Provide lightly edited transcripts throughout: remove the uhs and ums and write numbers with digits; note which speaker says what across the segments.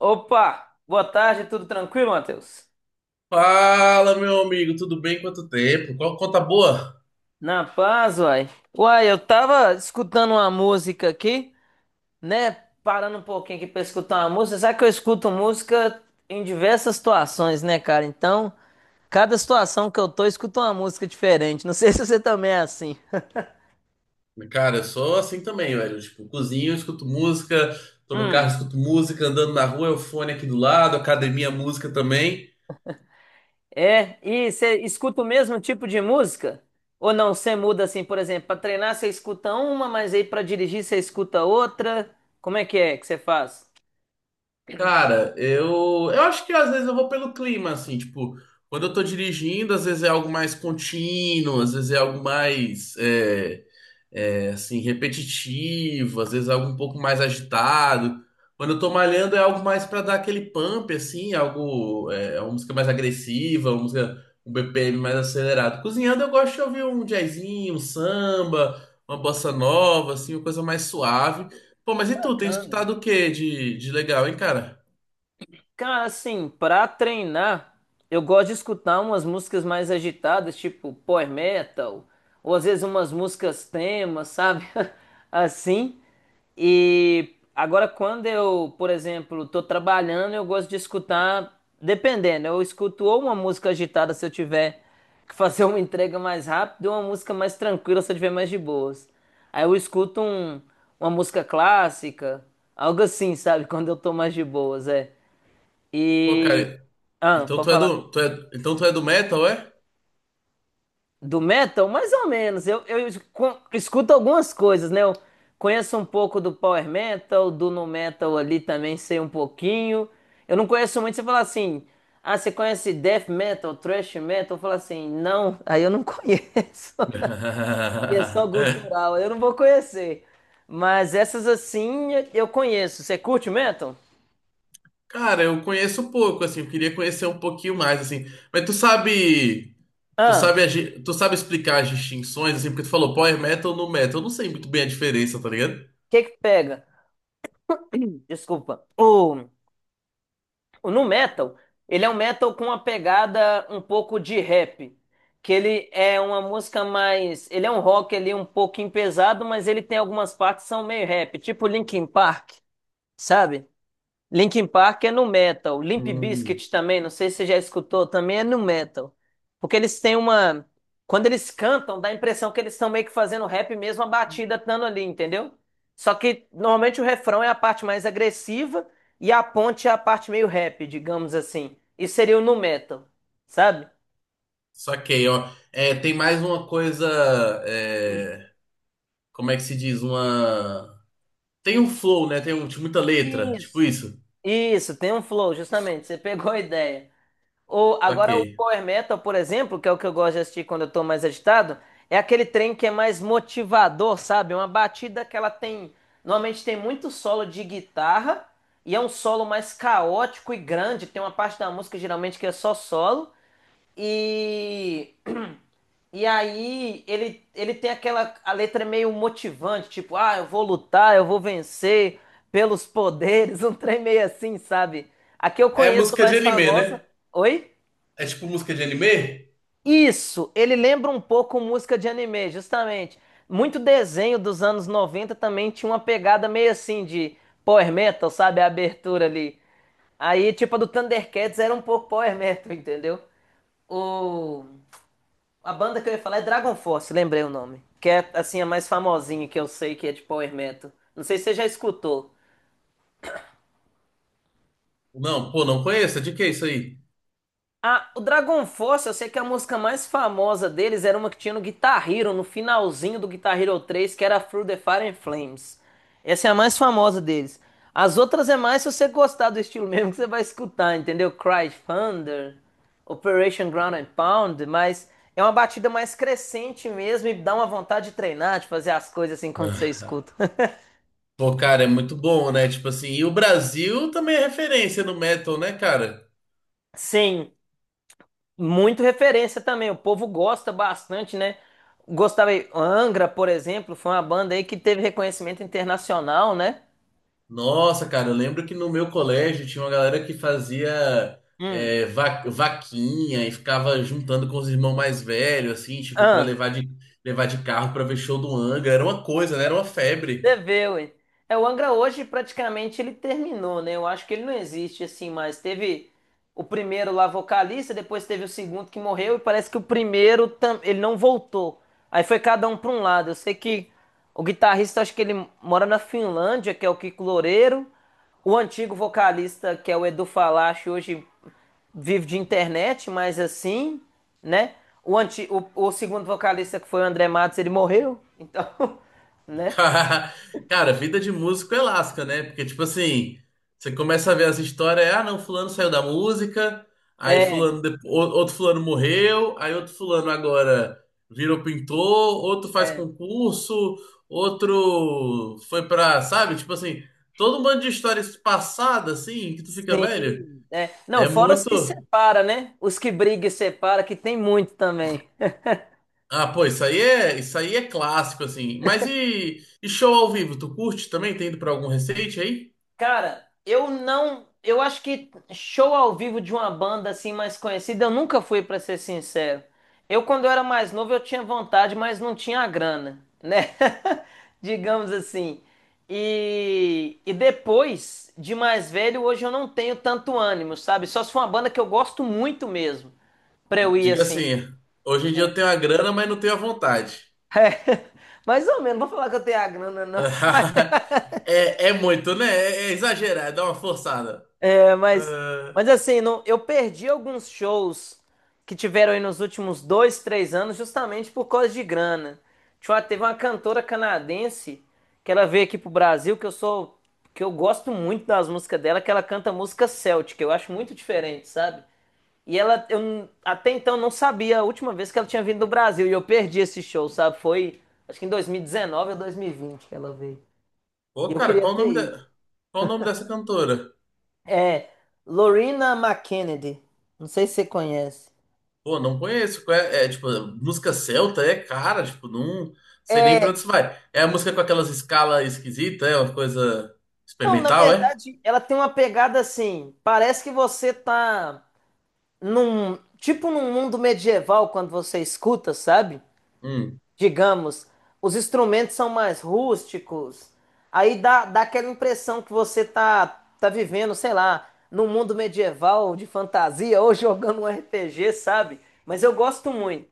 Speaker 1: Opa, boa tarde, tudo tranquilo, Matheus?
Speaker 2: Fala, meu amigo, tudo bem? Quanto tempo? Qual conta boa?
Speaker 1: Na paz, uai. Uai, eu tava escutando uma música aqui, né? Parando um pouquinho aqui pra escutar uma música. Sabe que eu escuto música em diversas situações, né, cara? Então, cada situação que eu tô, eu escuto uma música diferente. Não sei se você também é assim.
Speaker 2: Cara, eu sou assim também, velho. Tipo, cozinho, escuto música, tô no carro,
Speaker 1: Hum,
Speaker 2: escuto música, andando na rua, é o fone aqui do lado, academia, música também.
Speaker 1: é? E você escuta o mesmo tipo de música? Ou não, você muda assim, por exemplo, pra treinar você escuta uma, mas aí pra dirigir você escuta outra? Como é que você faz?
Speaker 2: Cara, eu acho que às vezes eu vou pelo clima, assim, tipo, quando eu tô dirigindo, às vezes é algo mais contínuo, às vezes é algo mais, assim, repetitivo, às vezes algo um pouco mais agitado. Quando eu tô malhando é algo mais para dar aquele pump, assim, algo, é uma música mais agressiva, uma música, um BPM mais acelerado. Cozinhando eu gosto de ouvir um jazzinho, um samba, uma bossa nova, assim, uma coisa mais suave. Pô, mas e tu, tem
Speaker 1: Bacana.
Speaker 2: escutado o que de legal, hein, cara?
Speaker 1: Cara, assim, pra treinar, eu gosto de escutar umas músicas mais agitadas, tipo power metal, ou às vezes umas músicas temas, sabe? Assim. E agora, quando eu, por exemplo, tô trabalhando, eu gosto de escutar, dependendo, eu escuto ou uma música agitada se eu tiver que fazer uma entrega mais rápida, ou uma música mais tranquila se eu tiver mais de boas. Aí eu escuto uma música clássica, algo assim, sabe? Quando eu tô mais de boas, é.
Speaker 2: Pô,
Speaker 1: E.
Speaker 2: cara,
Speaker 1: Ah,
Speaker 2: então
Speaker 1: pode falar.
Speaker 2: tu é do metal, é?
Speaker 1: Do metal? Mais ou menos. Eu escuto algumas coisas, né? Eu conheço um pouco do power metal, do nu metal ali também sei um pouquinho. Eu não conheço muito. Você fala assim, ah, você conhece death metal, thrash metal? Eu falo assim, não, aí eu não conheço. E é só cultural, eu não vou conhecer. Mas essas assim eu conheço. Você curte metal?
Speaker 2: Cara, eu conheço pouco, assim, eu queria conhecer um pouquinho mais, assim. Mas tu
Speaker 1: Ah,
Speaker 2: sabe,
Speaker 1: o
Speaker 2: tu sabe explicar as distinções, assim, porque tu falou power metal no metal. Eu não sei muito bem a diferença, tá ligado?
Speaker 1: que que pega? Desculpa. O No metal, ele é um metal com uma pegada um pouco de rap, que ele é uma música mais, ele é um rock ali um pouquinho pesado, mas ele tem algumas partes que são meio rap, tipo Linkin Park, sabe? Linkin Park é no metal, Limp
Speaker 2: Hum.
Speaker 1: Bizkit também, não sei se você já escutou, também é no metal. Porque eles têm uma. Quando eles cantam, dá a impressão que eles estão meio que fazendo rap mesmo, a batida dando ali, entendeu? Só que normalmente o refrão é a parte mais agressiva e a ponte é a parte meio rap, digamos assim. Isso seria o nu metal, sabe?
Speaker 2: Saquei, ó. É, tem mais uma coisa, é, como é que se diz? Uma Tem um flow, né? Tem um, tipo, muita letra. Tipo
Speaker 1: Isso.
Speaker 2: isso.
Speaker 1: Isso, tem um flow, justamente, você pegou a ideia. Ou agora o
Speaker 2: Saquei.
Speaker 1: power metal, por exemplo, que é o que eu gosto de assistir quando eu tô mais agitado, é aquele trem que é mais motivador, sabe? Uma batida que ela tem, normalmente tem muito solo de guitarra e é um solo mais caótico e grande, tem uma parte da música geralmente que é só solo e e aí ele tem aquela a letra é meio motivante, tipo, ah, eu vou lutar, eu vou vencer pelos poderes, um trem meio assim, sabe? A que eu
Speaker 2: É
Speaker 1: conheço
Speaker 2: música de
Speaker 1: mais
Speaker 2: anime, né?
Speaker 1: famosa, oi?
Speaker 2: É tipo música de anime?
Speaker 1: Isso, ele lembra um pouco música de anime, justamente. Muito desenho dos anos 90 também tinha uma pegada meio assim de power metal, sabe? A abertura ali. Aí, tipo, a do Thundercats era um pouco power metal, entendeu? O... A banda que eu ia falar é Dragon Force, lembrei o nome. Que é, assim, a mais famosinha que eu sei que é de power metal. Não sei se você já escutou.
Speaker 2: Não, pô, não conheço. De que é isso aí?
Speaker 1: Ah, o Dragon Force, eu sei que a música mais famosa deles era uma que tinha no Guitar Hero, no finalzinho do Guitar Hero 3, que era Through the Fire and Flames. Essa é a mais famosa deles. As outras é mais se você gostar do estilo mesmo que você vai escutar, entendeu? Cry Thunder, Operation Ground and Pound, mas é uma batida mais crescente mesmo e dá uma vontade de treinar, de fazer as coisas assim quando você
Speaker 2: Ah.
Speaker 1: escuta.
Speaker 2: Pô, cara, é muito bom, né? Tipo assim, e o Brasil também é referência no metal, né, cara?
Speaker 1: Sim. Muito referência também, o povo gosta bastante, né? Gostava aí, Angra, por exemplo, foi uma banda aí que teve reconhecimento internacional, né?
Speaker 2: Nossa, cara, eu lembro que no meu colégio tinha uma galera que fazia
Speaker 1: Hum.
Speaker 2: é, vaquinha e ficava juntando com os irmãos mais velhos, assim, tipo,
Speaker 1: Ah,
Speaker 2: levar de carro pra ver show do Anga. Era uma coisa, né? Era uma febre.
Speaker 1: Deveu, hein? É, o Angra hoje praticamente ele terminou, né? Eu acho que ele não existe assim mais. Teve o primeiro lá vocalista, depois teve o segundo que morreu e parece que o primeiro ele não voltou. Aí foi cada um para um lado. Eu sei que o guitarrista acho que ele mora na Finlândia, que é o Kiko Loureiro. O antigo vocalista, que é o Edu Falaschi, hoje vive de internet, mas assim, né? O segundo vocalista, que foi o André Matos, ele morreu, então, né?
Speaker 2: Ca- Cara, vida de músico é lasca, né? Porque, tipo assim, você começa a ver as histórias, é, ah, não, fulano saiu da música, aí
Speaker 1: É,
Speaker 2: fulano, outro fulano morreu, aí outro fulano agora virou pintor, outro faz
Speaker 1: é,
Speaker 2: concurso, sabe? Tipo assim, todo um monte de histórias passadas, assim, que tu fica, velho,
Speaker 1: sim, é. Não,
Speaker 2: é
Speaker 1: fora os que
Speaker 2: muito...
Speaker 1: separa, né? Os que briga e separa, que tem muito também.
Speaker 2: Ah, pô, isso aí é clássico, assim. Mas e show ao vivo, tu curte também? Tem ido pra algum recente aí?
Speaker 1: Cara, eu não, eu acho que show ao vivo de uma banda assim mais conhecida, eu nunca fui, pra ser sincero. Eu quando eu era mais novo eu tinha vontade, mas não tinha a grana, né? Digamos assim. E depois de mais velho, hoje eu não tenho tanto ânimo, sabe? Só se for uma banda que eu gosto muito mesmo, pra eu ir
Speaker 2: Diga
Speaker 1: assim.
Speaker 2: assim, hoje em dia eu tenho a grana, mas não tenho a vontade.
Speaker 1: É, mais ou menos, não vou falar que eu tenho a grana, não.
Speaker 2: É, é muito, né? É, é exagerado, é uma forçada.
Speaker 1: É, mas,
Speaker 2: Ah,
Speaker 1: mas assim, não, eu perdi alguns shows que tiveram aí nos últimos dois, três anos, justamente por causa de grana. Teve uma cantora canadense que ela veio aqui pro Brasil, que eu sou, que eu gosto muito das músicas dela, que ela canta música celtic, eu acho muito diferente, sabe? E ela, até então não sabia a última vez que ela tinha vindo do Brasil, e eu perdi esse show, sabe? Foi, acho que em 2019 ou 2020 que ela veio. E
Speaker 2: pô,
Speaker 1: eu
Speaker 2: cara,
Speaker 1: queria ter ido.
Speaker 2: qual o nome dessa cantora?
Speaker 1: É Lorena McKennedy. Não sei se você conhece.
Speaker 2: Pô, não conheço. Qual É, é, tipo, música celta é cara, tipo, não sei nem pra
Speaker 1: É,
Speaker 2: onde isso vai. É a música com aquelas escalas esquisitas, é uma coisa
Speaker 1: não, na
Speaker 2: experimental, é?
Speaker 1: verdade, ela tem uma pegada assim. Parece que você tá tipo num mundo medieval quando você escuta, sabe?
Speaker 2: Hum,
Speaker 1: Digamos, os instrumentos são mais rústicos. Aí dá aquela impressão que você tá vivendo, sei lá, num mundo medieval de fantasia ou jogando um RPG, sabe? Mas eu gosto muito.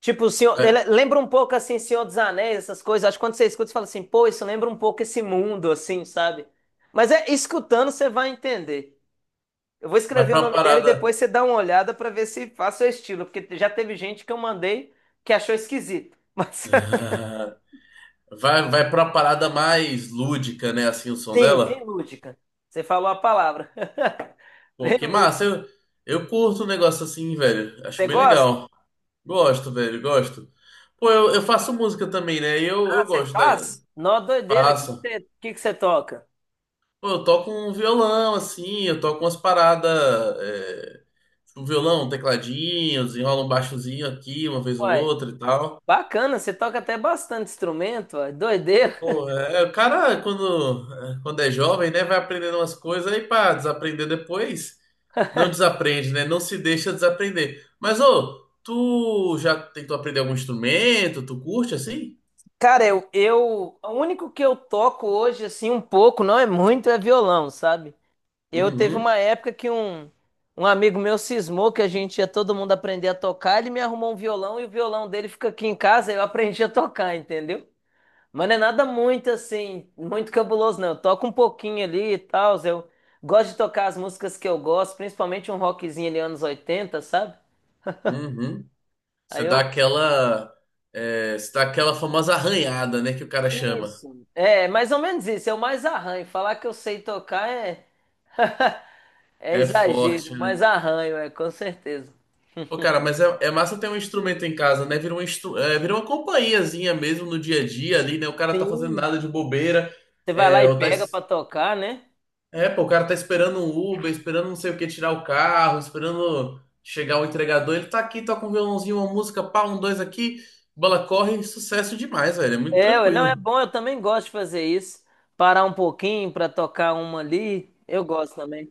Speaker 1: Tipo, o senhor,
Speaker 2: vai,
Speaker 1: ele lembra um pouco assim, Senhor dos Anéis, essas coisas. Acho que quando você escuta, você fala assim, pô, isso lembra um pouco esse mundo, assim, sabe? Mas é escutando, você vai entender. Eu vou
Speaker 2: vai
Speaker 1: escrever o
Speaker 2: pra uma
Speaker 1: nome dela e
Speaker 2: parada.
Speaker 1: depois você dá uma olhada pra ver se faz seu estilo, porque já teve gente que eu mandei que achou esquisito. Mas
Speaker 2: Ah, vai, vai pra uma parada mais lúdica, né? Assim, o som
Speaker 1: sim, bem
Speaker 2: dela.
Speaker 1: lúdica. Você falou a palavra.
Speaker 2: Pô,
Speaker 1: Bem
Speaker 2: que
Speaker 1: lúdica.
Speaker 2: massa. Eu curto um negócio assim, velho. Acho
Speaker 1: Você
Speaker 2: bem
Speaker 1: gosta?
Speaker 2: legal. Gosto, velho, gosto. Pô, eu faço música também, né?
Speaker 1: Ah,
Speaker 2: Eu
Speaker 1: você
Speaker 2: gosto da.
Speaker 1: faz? Nó doideira, o
Speaker 2: Faço.
Speaker 1: que que você toca?
Speaker 2: Pô, eu toco um violão, assim, eu toco umas paradas. É, tipo, violão, tecladinho, desenrola um baixozinho aqui, uma vez ou
Speaker 1: Uai,
Speaker 2: outra e tal.
Speaker 1: bacana, você toca até bastante instrumento, uai, doideira.
Speaker 2: Pô, é, é, quando é jovem, né, vai aprendendo umas coisas aí para desaprender depois. Não desaprende, né? Não se deixa desaprender. Mas, ô, tu já tentou aprender algum instrumento? Tu curte assim?
Speaker 1: Cara, o único que eu toco hoje, assim, um pouco, não é muito, é violão, sabe? Eu teve
Speaker 2: Uhum,
Speaker 1: uma época que um amigo meu cismou que a gente ia todo mundo aprender a tocar, ele me arrumou um violão e o violão dele fica aqui em casa, eu aprendi a tocar, entendeu? Mas não é nada muito, assim, muito cabuloso, não. Eu toco um pouquinho ali e tal, eu gosto de tocar as músicas que eu gosto, principalmente um rockzinho ali anos 80, sabe?
Speaker 2: uhum. Você
Speaker 1: Aí
Speaker 2: dá
Speaker 1: eu.
Speaker 2: aquela, você dá aquela famosa arranhada, né, que o cara chama.
Speaker 1: Isso. É, mais ou menos isso, eu mais arranho. Falar que eu sei tocar é. É
Speaker 2: É forte,
Speaker 1: exagero, mas
Speaker 2: né?
Speaker 1: arranho, é, com certeza.
Speaker 2: Pô, cara, mas é massa ter um instrumento em casa, né? Vira um instru... é, vira uma companhiazinha mesmo no dia a dia ali, né? O cara tá fazendo
Speaker 1: Sim.
Speaker 2: nada de bobeira,
Speaker 1: Você vai lá
Speaker 2: é,
Speaker 1: e
Speaker 2: ou tá
Speaker 1: pega pra
Speaker 2: es-
Speaker 1: tocar, né?
Speaker 2: É, pô, o cara tá esperando um Uber, esperando não sei o que tirar o carro, esperando chegar o entregador. Ele tá aqui, toca um violãozinho, uma música, pá, um, dois aqui, bola corre, sucesso demais, velho. É muito
Speaker 1: É, ué, não, é
Speaker 2: tranquilo.
Speaker 1: bom, eu também gosto de fazer isso. Parar um pouquinho pra tocar uma ali, eu gosto também.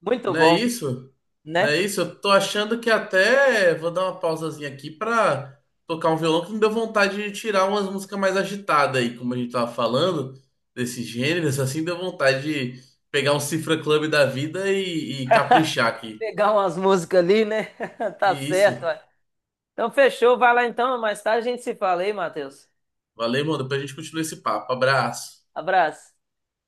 Speaker 1: Muito
Speaker 2: Não é
Speaker 1: bom,
Speaker 2: isso? Não
Speaker 1: né?
Speaker 2: é isso? Eu tô achando que até vou dar uma pausazinha aqui pra tocar um violão que me deu vontade de tirar umas músicas mais agitadas aí, como a gente tava falando, desses gêneros, assim, deu vontade de pegar um Cifra Club da vida e caprichar aqui.
Speaker 1: Pegar umas músicas ali, né? Tá
Speaker 2: E
Speaker 1: certo,
Speaker 2: isso.
Speaker 1: ué. Então fechou, vai lá então, mais tarde a gente se fala aí, Matheus.
Speaker 2: Valeu, mano. Depois a gente continua esse papo. Abraço.
Speaker 1: Abraço.